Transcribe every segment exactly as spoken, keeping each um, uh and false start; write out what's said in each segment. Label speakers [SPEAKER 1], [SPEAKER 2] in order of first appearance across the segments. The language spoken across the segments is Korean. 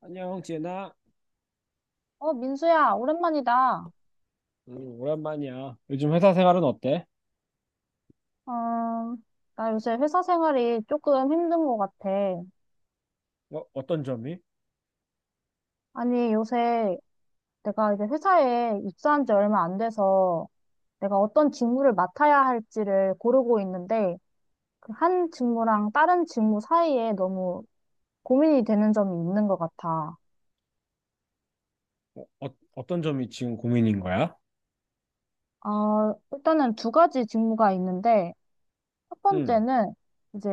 [SPEAKER 1] 안녕, 지은아.
[SPEAKER 2] 어, 민수야, 오랜만이다.
[SPEAKER 1] 음, 오랜만이야. 요즘 회사 생활은 어때?
[SPEAKER 2] 어, 나 요새 회사 생활이 조금 힘든 것 같아.
[SPEAKER 1] 어, 어떤 점이?
[SPEAKER 2] 아니, 요새 내가 이제 회사에 입사한 지 얼마 안 돼서 내가 어떤 직무를 맡아야 할지를 고르고 있는데 그한 직무랑 다른 직무 사이에 너무 고민이 되는 점이 있는 것 같아.
[SPEAKER 1] 어, 어, 떤 점이 지금 고민인 거야?
[SPEAKER 2] 어, 일단은 두 가지 직무가 있는데 첫
[SPEAKER 1] 응.
[SPEAKER 2] 번째는 이제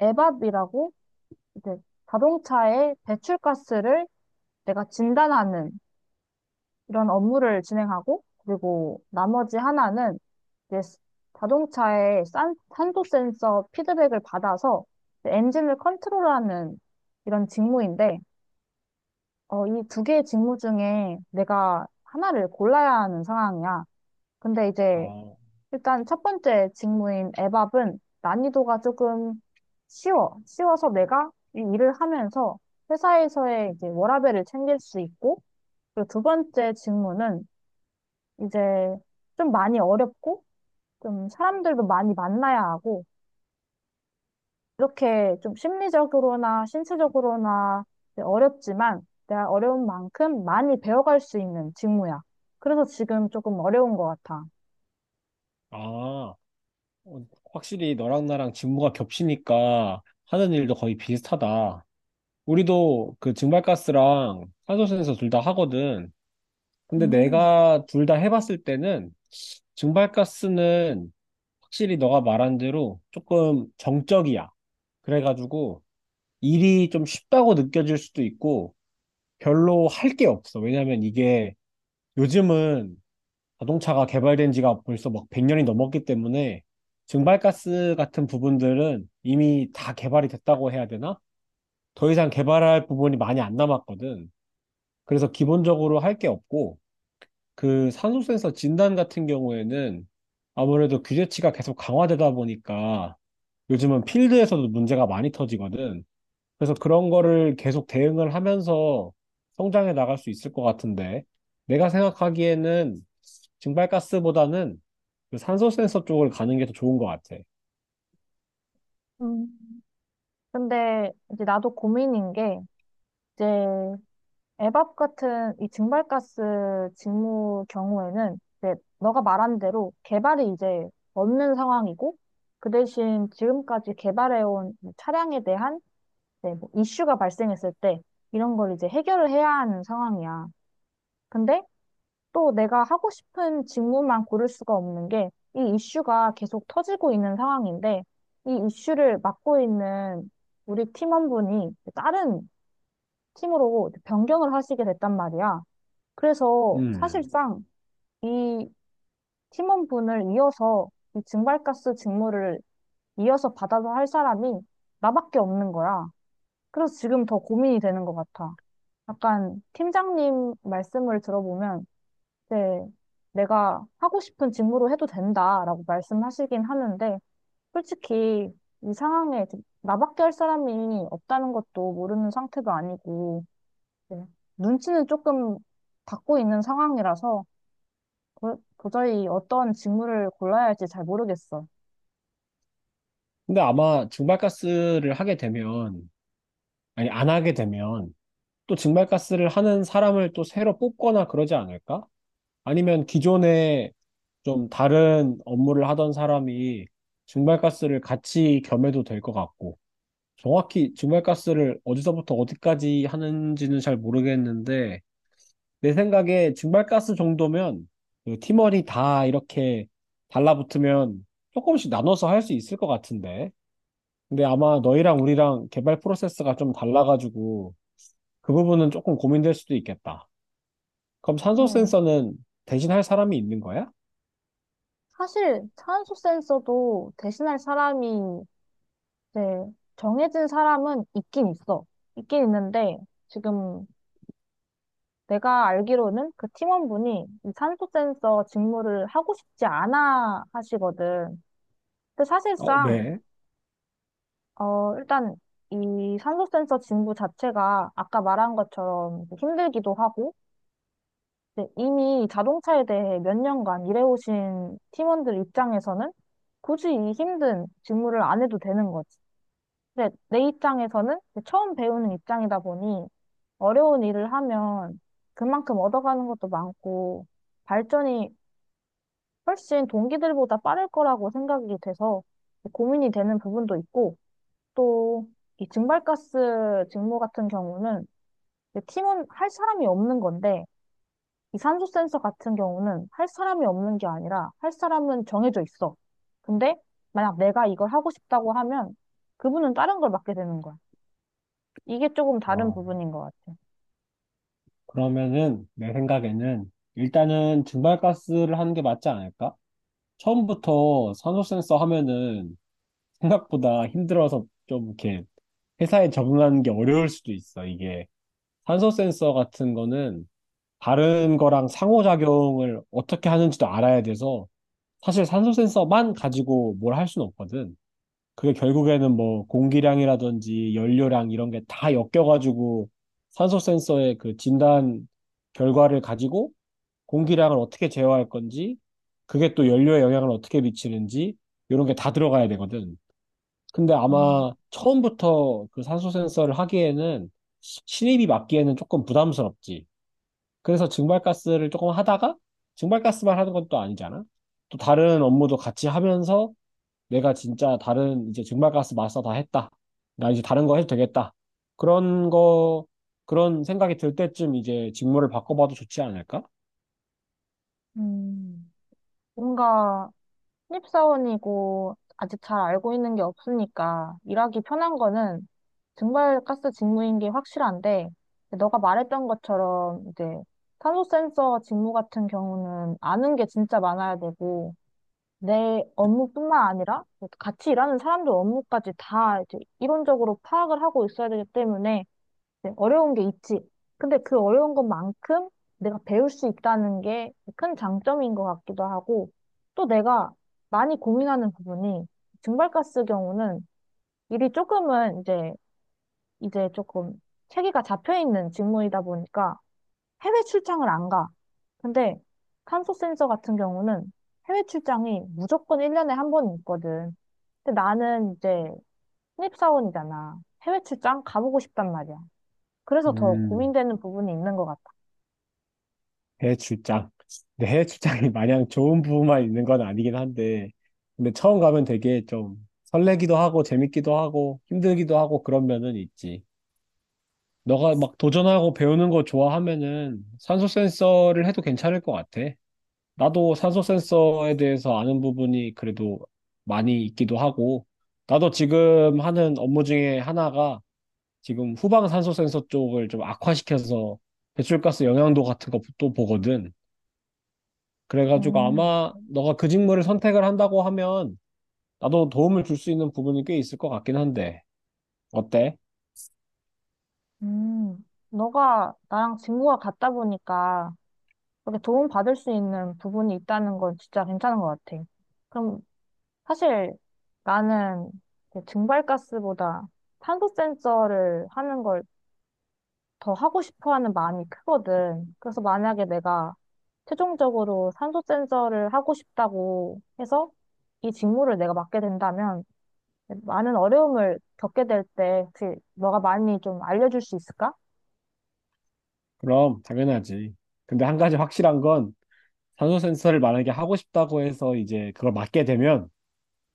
[SPEAKER 2] 에밥이라고 이제 자동차의 배출가스를 내가 진단하는 이런 업무를 진행하고, 그리고 나머지 하나는 이제 스- 자동차의 산, 산소 센서 피드백을 받아서 이제 엔진을 컨트롤하는 이런 직무인데, 어, 이 두 개의 직무 중에 내가 하나를 골라야 하는 상황이야. 근데 이제
[SPEAKER 1] 어,
[SPEAKER 2] 일단 첫 번째 직무인 에밥은 난이도가 조금 쉬워. 쉬워서 내가 이 일을 하면서 회사에서의 이제 워라밸을 챙길 수 있고, 그리고 두 번째 직무는 이제 좀 많이 어렵고, 좀 사람들도 많이 만나야 하고, 이렇게 좀 심리적으로나 신체적으로나 이제 어렵지만, 내가 어려운 만큼 많이 배워갈 수 있는 직무야. 그래서 지금 조금 어려운 것 같아.
[SPEAKER 1] 아, 어, 확실히 너랑 나랑 직무가 겹치니까 하는 일도 거의 비슷하다. 우리도 그 증발가스랑 탄소센서 둘 다 하거든. 근데
[SPEAKER 2] 음.
[SPEAKER 1] 내가 둘 다 해봤을 때는 증발가스는 확실히 너가 말한 대로 조금 정적이야. 그래가지고 일이 좀 쉽다고 느껴질 수도 있고 별로 할 게 없어. 왜냐면 이게 요즘은 자동차가 개발된 지가 벌써 막 백 년이 넘었기 때문에 증발가스 같은 부분들은 이미 다 개발이 됐다고 해야 되나? 더 이상 개발할 부분이 많이 안 남았거든. 그래서 기본적으로 할 게 없고 그 산소 센서 진단 같은 경우에는 아무래도 규제치가 계속 강화되다 보니까 요즘은 필드에서도 문제가 많이 터지거든. 그래서 그런 거를 계속 대응을 하면서 성장해 나갈 수 있을 것 같은데, 내가 생각하기에는 증발가스보다는 그 산소 센서 쪽을 가는 게 더 좋은 것 같아.
[SPEAKER 2] 음, 근데 이제 나도 고민인 게, 이제 에밥 같은 이 증발가스 직무 경우에는 이제 너가 말한 대로 개발이 이제 없는 상황이고 그 대신 지금까지 개발해온 차량에 대한 이제 뭐 이슈가 발생했을 때 이런 걸 이제 해결을 해야 하는 상황이야. 근데 또 내가 하고 싶은 직무만 고를 수가 없는 게 이 이슈가 계속 터지고 있는 상황인데 이 이슈를 맡고 있는 우리 팀원분이 다른 팀으로 변경을 하시게 됐단 말이야. 그래서
[SPEAKER 1] 음.
[SPEAKER 2] 사실상 이 팀원분을 이어서 이 증발가스 직무를 이어서 받아서 할 사람이 나밖에 없는 거야. 그래서 지금 더 고민이 되는 것 같아. 약간 팀장님 말씀을 들어보면 이제 내가 하고 싶은 직무로 해도 된다라고 말씀하시긴 하는데 솔직히 이 상황에 나밖에 할 사람이 없다는 것도 모르는 상태도 아니고 네. 눈치는 조금 받고 있는 상황이라서 도, 도저히 어떤 직무를 골라야 할지 잘 모르겠어.
[SPEAKER 1] 근데 아마 증발가스를 하게 되면, 아니, 안 하게 되면, 또 증발가스를 하는 사람을 또 새로 뽑거나 그러지 않을까? 아니면 기존에 좀 다른 업무를 하던 사람이 증발가스를 같이 겸해도 될 것 같고, 정확히 증발가스를 어디서부터 어디까지 하는지는 잘 모르겠는데, 내 생각에 증발가스 정도면 그 팀원이 다 이렇게 달라붙으면 조금씩 나눠서 할 수 있을 것 같은데. 근데 아마 너희랑 우리랑 개발 프로세스가 좀 달라가지고 그 부분은 조금 고민될 수도 있겠다. 그럼 산소
[SPEAKER 2] 음.
[SPEAKER 1] 센서는 대신 할 사람이 있는 거야?
[SPEAKER 2] 사실 탄소 센서도 대신할 사람이 이제 정해진 사람은 있긴 있어. 있긴 있는데 지금 내가 알기로는 그 팀원분이 이 탄소 센서 직무를 하고 싶지 않아 하시거든. 근데
[SPEAKER 1] 어,
[SPEAKER 2] 사실상
[SPEAKER 1] 왜?
[SPEAKER 2] 어 일단 이 산소 센서 직무 자체가 아까 말한 것처럼 힘들기도 하고 네, 이미 자동차에 대해 몇 년간 일해오신 팀원들 입장에서는 굳이 이 힘든 직무를 안 해도 되는 거지. 근데 내 입장에서는 처음 배우는 입장이다 보니 어려운 일을 하면 그만큼 얻어가는 것도 많고 발전이 훨씬 동기들보다 빠를 거라고 생각이 돼서 고민이 되는 부분도 있고 또 이 증발가스 직무 같은 경우는 팀원 할 사람이 없는 건데 이 산소 센서 같은 경우는 할 사람이 없는 게 아니라 할 사람은 정해져 있어. 근데 만약 내가 이걸 하고 싶다고 하면 그분은 다른 걸 맡게 되는 거야. 이게 조금 다른
[SPEAKER 1] 어,
[SPEAKER 2] 부분인 것 같아.
[SPEAKER 1] 그러면은 내 생각에는 일단은 증발가스를 하는 게 맞지 않을까? 처음부터 산소 센서 하면은 생각보다 힘들어서 좀 이렇게 회사에 적응하는 게 어려울 수도 있어. 이게 산소 센서 같은 거는 다른 거랑 상호작용을 어떻게 하는지도 알아야 돼서 사실 산소 센서만 가지고 뭘 할 수는 없거든. 그게 결국에는 뭐 공기량이라든지 연료량 이런 게 다 엮여가지고 산소 센서의 그 진단 결과를 가지고 공기량을 어떻게 제어할 건지, 그게 또 연료에 영향을 어떻게 미치는지, 이런 게 다 들어가야 되거든. 근데
[SPEAKER 2] 음,
[SPEAKER 1] 아마 처음부터 그 산소 센서를 하기에는 신입이 맡기에는 조금 부담스럽지. 그래서 증발가스를 조금 하다가 증발가스만 하는 건 또 아니잖아. 또 다른 업무도 같이 하면서 내가 진짜 다른 이제 증발가스 마스터 다 했다. 나 이제 다른 거 해도 되겠다. 그런 거, 그런 생각이 들 때쯤 이제 직무를 바꿔봐도 좋지 않을까?
[SPEAKER 2] 음, 뭔가 신입사원이고 아직 잘 알고 있는 게 없으니까 일하기 편한 거는 증발가스 직무인 게 확실한데 너가 말했던 것처럼 이제 탄소 센서 직무 같은 경우는 아는 게 진짜 많아야 되고 내 업무뿐만 아니라 같이 일하는 사람들 업무까지 다 이제 이론적으로 파악을 하고 있어야 되기 때문에 이제 어려운 게 있지. 근데 그 어려운 것만큼 내가 배울 수 있다는 게 큰 장점인 것 같기도 하고 또 내가 많이 고민하는 부분이 증발가스 경우는 일이 조금은 이제 이제 조금 체계가 잡혀 있는 직무이다 보니까 해외 출장을 안 가. 근데 탄소 센서 같은 경우는 해외 출장이 무조건 일 년에 한 번 있거든. 근데 나는 이제 신입사원이잖아. 해외 출장 가보고 싶단 말이야. 그래서 더
[SPEAKER 1] 음.
[SPEAKER 2] 고민되는 부분이 있는 것 같아.
[SPEAKER 1] 해외 출장. 근데 해외 출장이 마냥 좋은 부분만 있는 건 아니긴 한데, 근데 처음 가면 되게 좀 설레기도 하고, 재밌기도 하고, 힘들기도 하고, 그런 면은 있지. 너가 막 도전하고 배우는 거 좋아하면은 산소 센서를 해도 괜찮을 것 같아. 나도 산소 센서에 대해서 아는 부분이 그래도 많이 있기도 하고, 나도 지금 하는 업무 중에 하나가 지금 후방 산소 센서 쪽을 좀 악화시켜서 배출가스 영향도 같은 것도 보거든. 그래가지고
[SPEAKER 2] 음.
[SPEAKER 1] 아마 너가 그 직무를 선택을 한다고 하면 나도 도움을 줄 수 있는 부분이 꽤 있을 것 같긴 한데 어때?
[SPEAKER 2] 음. 너가 나랑 직무가 같다 보니까 그렇게 도움받을 수 있는 부분이 있다는 건 진짜 괜찮은 것 같아. 그럼 사실 나는 그 증발가스보다 탄소 센서를 하는 걸 더 하고 싶어 하는 마음이 크거든. 그래서 만약에 내가 최종적으로 산소 센서를 하고 싶다고 해서 이 직무를 내가 맡게 된다면 많은 어려움을 겪게 될 때 혹시 너가 많이 좀 알려줄 수 있을까?
[SPEAKER 1] 그럼 당연하지. 근데 한 가지 확실한 건 산소 센서를 만약에 하고 싶다고 해서 이제 그걸 맡게 되면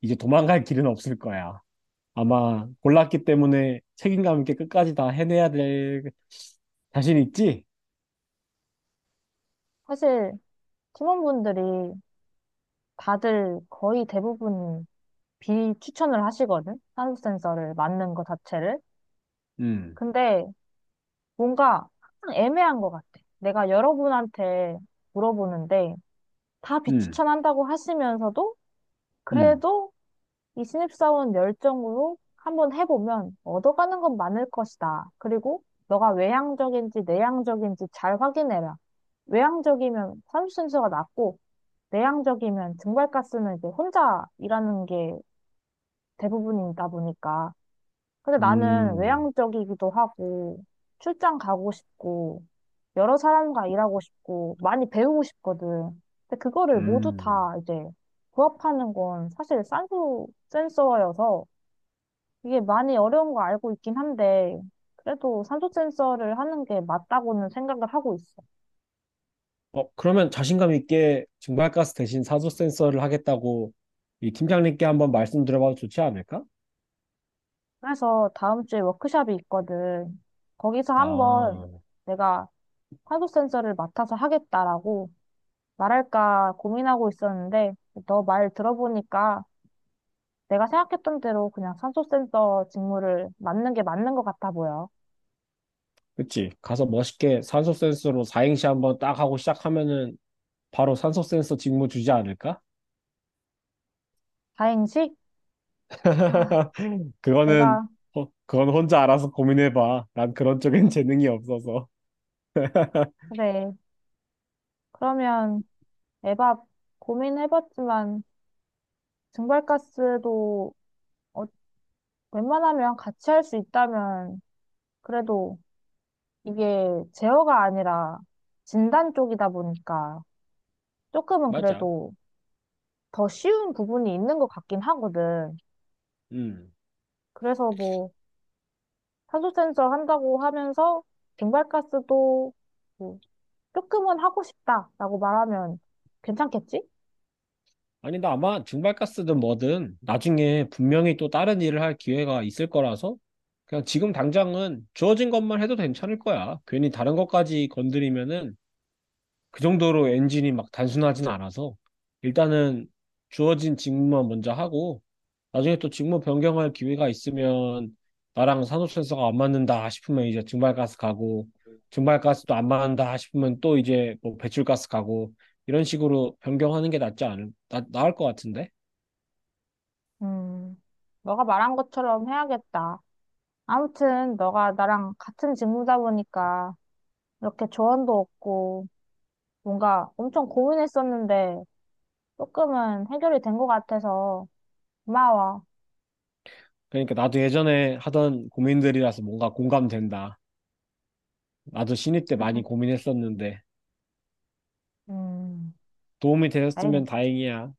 [SPEAKER 1] 이제 도망갈 길은 없을 거야. 아마 골랐기 때문에 책임감 있게 끝까지 다 해내야 될 자신 있지?
[SPEAKER 2] 사실 팀원분들이 다들 거의 대부분 비추천을 하시거든. 산소 센서를 맞는 것 자체를.
[SPEAKER 1] 음,
[SPEAKER 2] 근데 뭔가 항상 애매한 것 같아. 내가 여러분한테 물어보는데 다
[SPEAKER 1] 음,
[SPEAKER 2] 비추천한다고 하시면서도
[SPEAKER 1] 음,
[SPEAKER 2] 그래도 이 신입사원 열정으로 한번 해보면 얻어가는 건 많을 것이다. 그리고 너가 외향적인지 내향적인지 잘 확인해라. 외향적이면 사수순서가 낮고, 내향적이면 증발가스는 이제 혼자 일하는 게 대부분이다 보니까 근데 나는
[SPEAKER 1] 음,
[SPEAKER 2] 외향적이기도 하고, 출장 가고 싶고, 여러 사람과 일하고 싶고, 많이 배우고 싶거든. 근데 그거를 모두
[SPEAKER 1] 음.
[SPEAKER 2] 다 이제 부합하는 건 사실 산소 센서여서 이게 많이 어려운 거 알고 있긴 한데, 그래도 산소 센서를 하는 게 맞다고는 생각을 하고 있어.
[SPEAKER 1] 어, 그러면 자신감 있게 증발가스 대신 사조 센서를 하겠다고 이 팀장님께 한번 말씀드려봐도 좋지 않을까?
[SPEAKER 2] 그래서 다음 주에 워크숍이 있거든. 거기서 한번
[SPEAKER 1] 아,
[SPEAKER 2] 내가 산소 센서를 맡아서 하겠다라고 말할까 고민하고 있었는데, 너 말 들어보니까 내가 생각했던 대로 그냥 산소 센서 직무를 맡는 게 맞는 것 같아 보여.
[SPEAKER 1] 그치. 가서 멋있게 산소 센서로 사행시 한번 딱 하고 시작하면은 바로 산소 센서 직무 주지 않을까?
[SPEAKER 2] 다행이지? 아,
[SPEAKER 1] 그거는,
[SPEAKER 2] 내가,
[SPEAKER 1] 어, 그건 혼자 알아서 고민해봐. 난 그런 쪽엔 재능이 없어서.
[SPEAKER 2] 그래. 그러면 에밥 고민해봤지만, 증발가스도 어, 웬만하면 같이 할 수 있다면, 그래도 이게 제어가 아니라 진단 쪽이다 보니까 조금은
[SPEAKER 1] 맞아.
[SPEAKER 2] 그래도 더 쉬운 부분이 있는 것 같긴 하거든.
[SPEAKER 1] 음.
[SPEAKER 2] 그래서 뭐, 탄소 센서 한다고 하면서 증발가스도 뭐 조금은 하고 싶다라고 말하면 괜찮겠지?
[SPEAKER 1] 아니, 나 아마 증발가스든 뭐든 나중에 분명히 또 다른 일을 할 기회가 있을 거라서 그냥 지금 당장은 주어진 것만 해도 괜찮을 거야. 괜히 다른 것까지 건드리면은 그 정도로 엔진이 막 단순하진 않아서 일단은 주어진 직무만 먼저 하고 나중에 또 직무 변경할 기회가 있으면 나랑 산호센서가 안 맞는다 싶으면 이제 증발가스 가고 증발가스도 안 맞는다 싶으면 또 이제 뭐 배출가스 가고 이런 식으로 변경하는 게 낫지 않을 나, 나을 것 같은데
[SPEAKER 2] 음, 너가 말한 것처럼 해야겠다. 아무튼 너가 나랑 같은 직무다 보니까 이렇게 조언도 얻고 뭔가 엄청 고민했었는데 조금은 해결이 된 것 같아서 고마워.
[SPEAKER 1] 그러니까 나도 예전에 하던 고민들이라서 뭔가 공감된다 나도 신입 때 많이 고민했었는데
[SPEAKER 2] 음,
[SPEAKER 1] 도움이
[SPEAKER 2] 아이,
[SPEAKER 1] 되었으면 다행이야.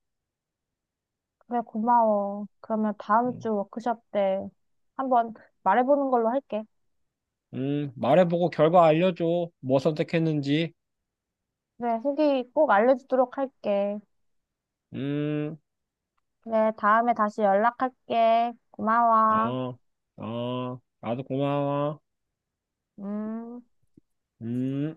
[SPEAKER 2] 그래 고마워. 그러면 다음
[SPEAKER 1] 응.
[SPEAKER 2] 주 워크숍 때 한번 말해보는 걸로 할게.
[SPEAKER 1] 음, 말해보고 결과 알려줘. 뭐 선택했는지.
[SPEAKER 2] 그래, 후기 꼭 알려주도록 할게.
[SPEAKER 1] 음,
[SPEAKER 2] 그래, 다음에 다시 연락할게. 고마워.
[SPEAKER 1] 어, 어, 나도 고마워.
[SPEAKER 2] 음.
[SPEAKER 1] 음.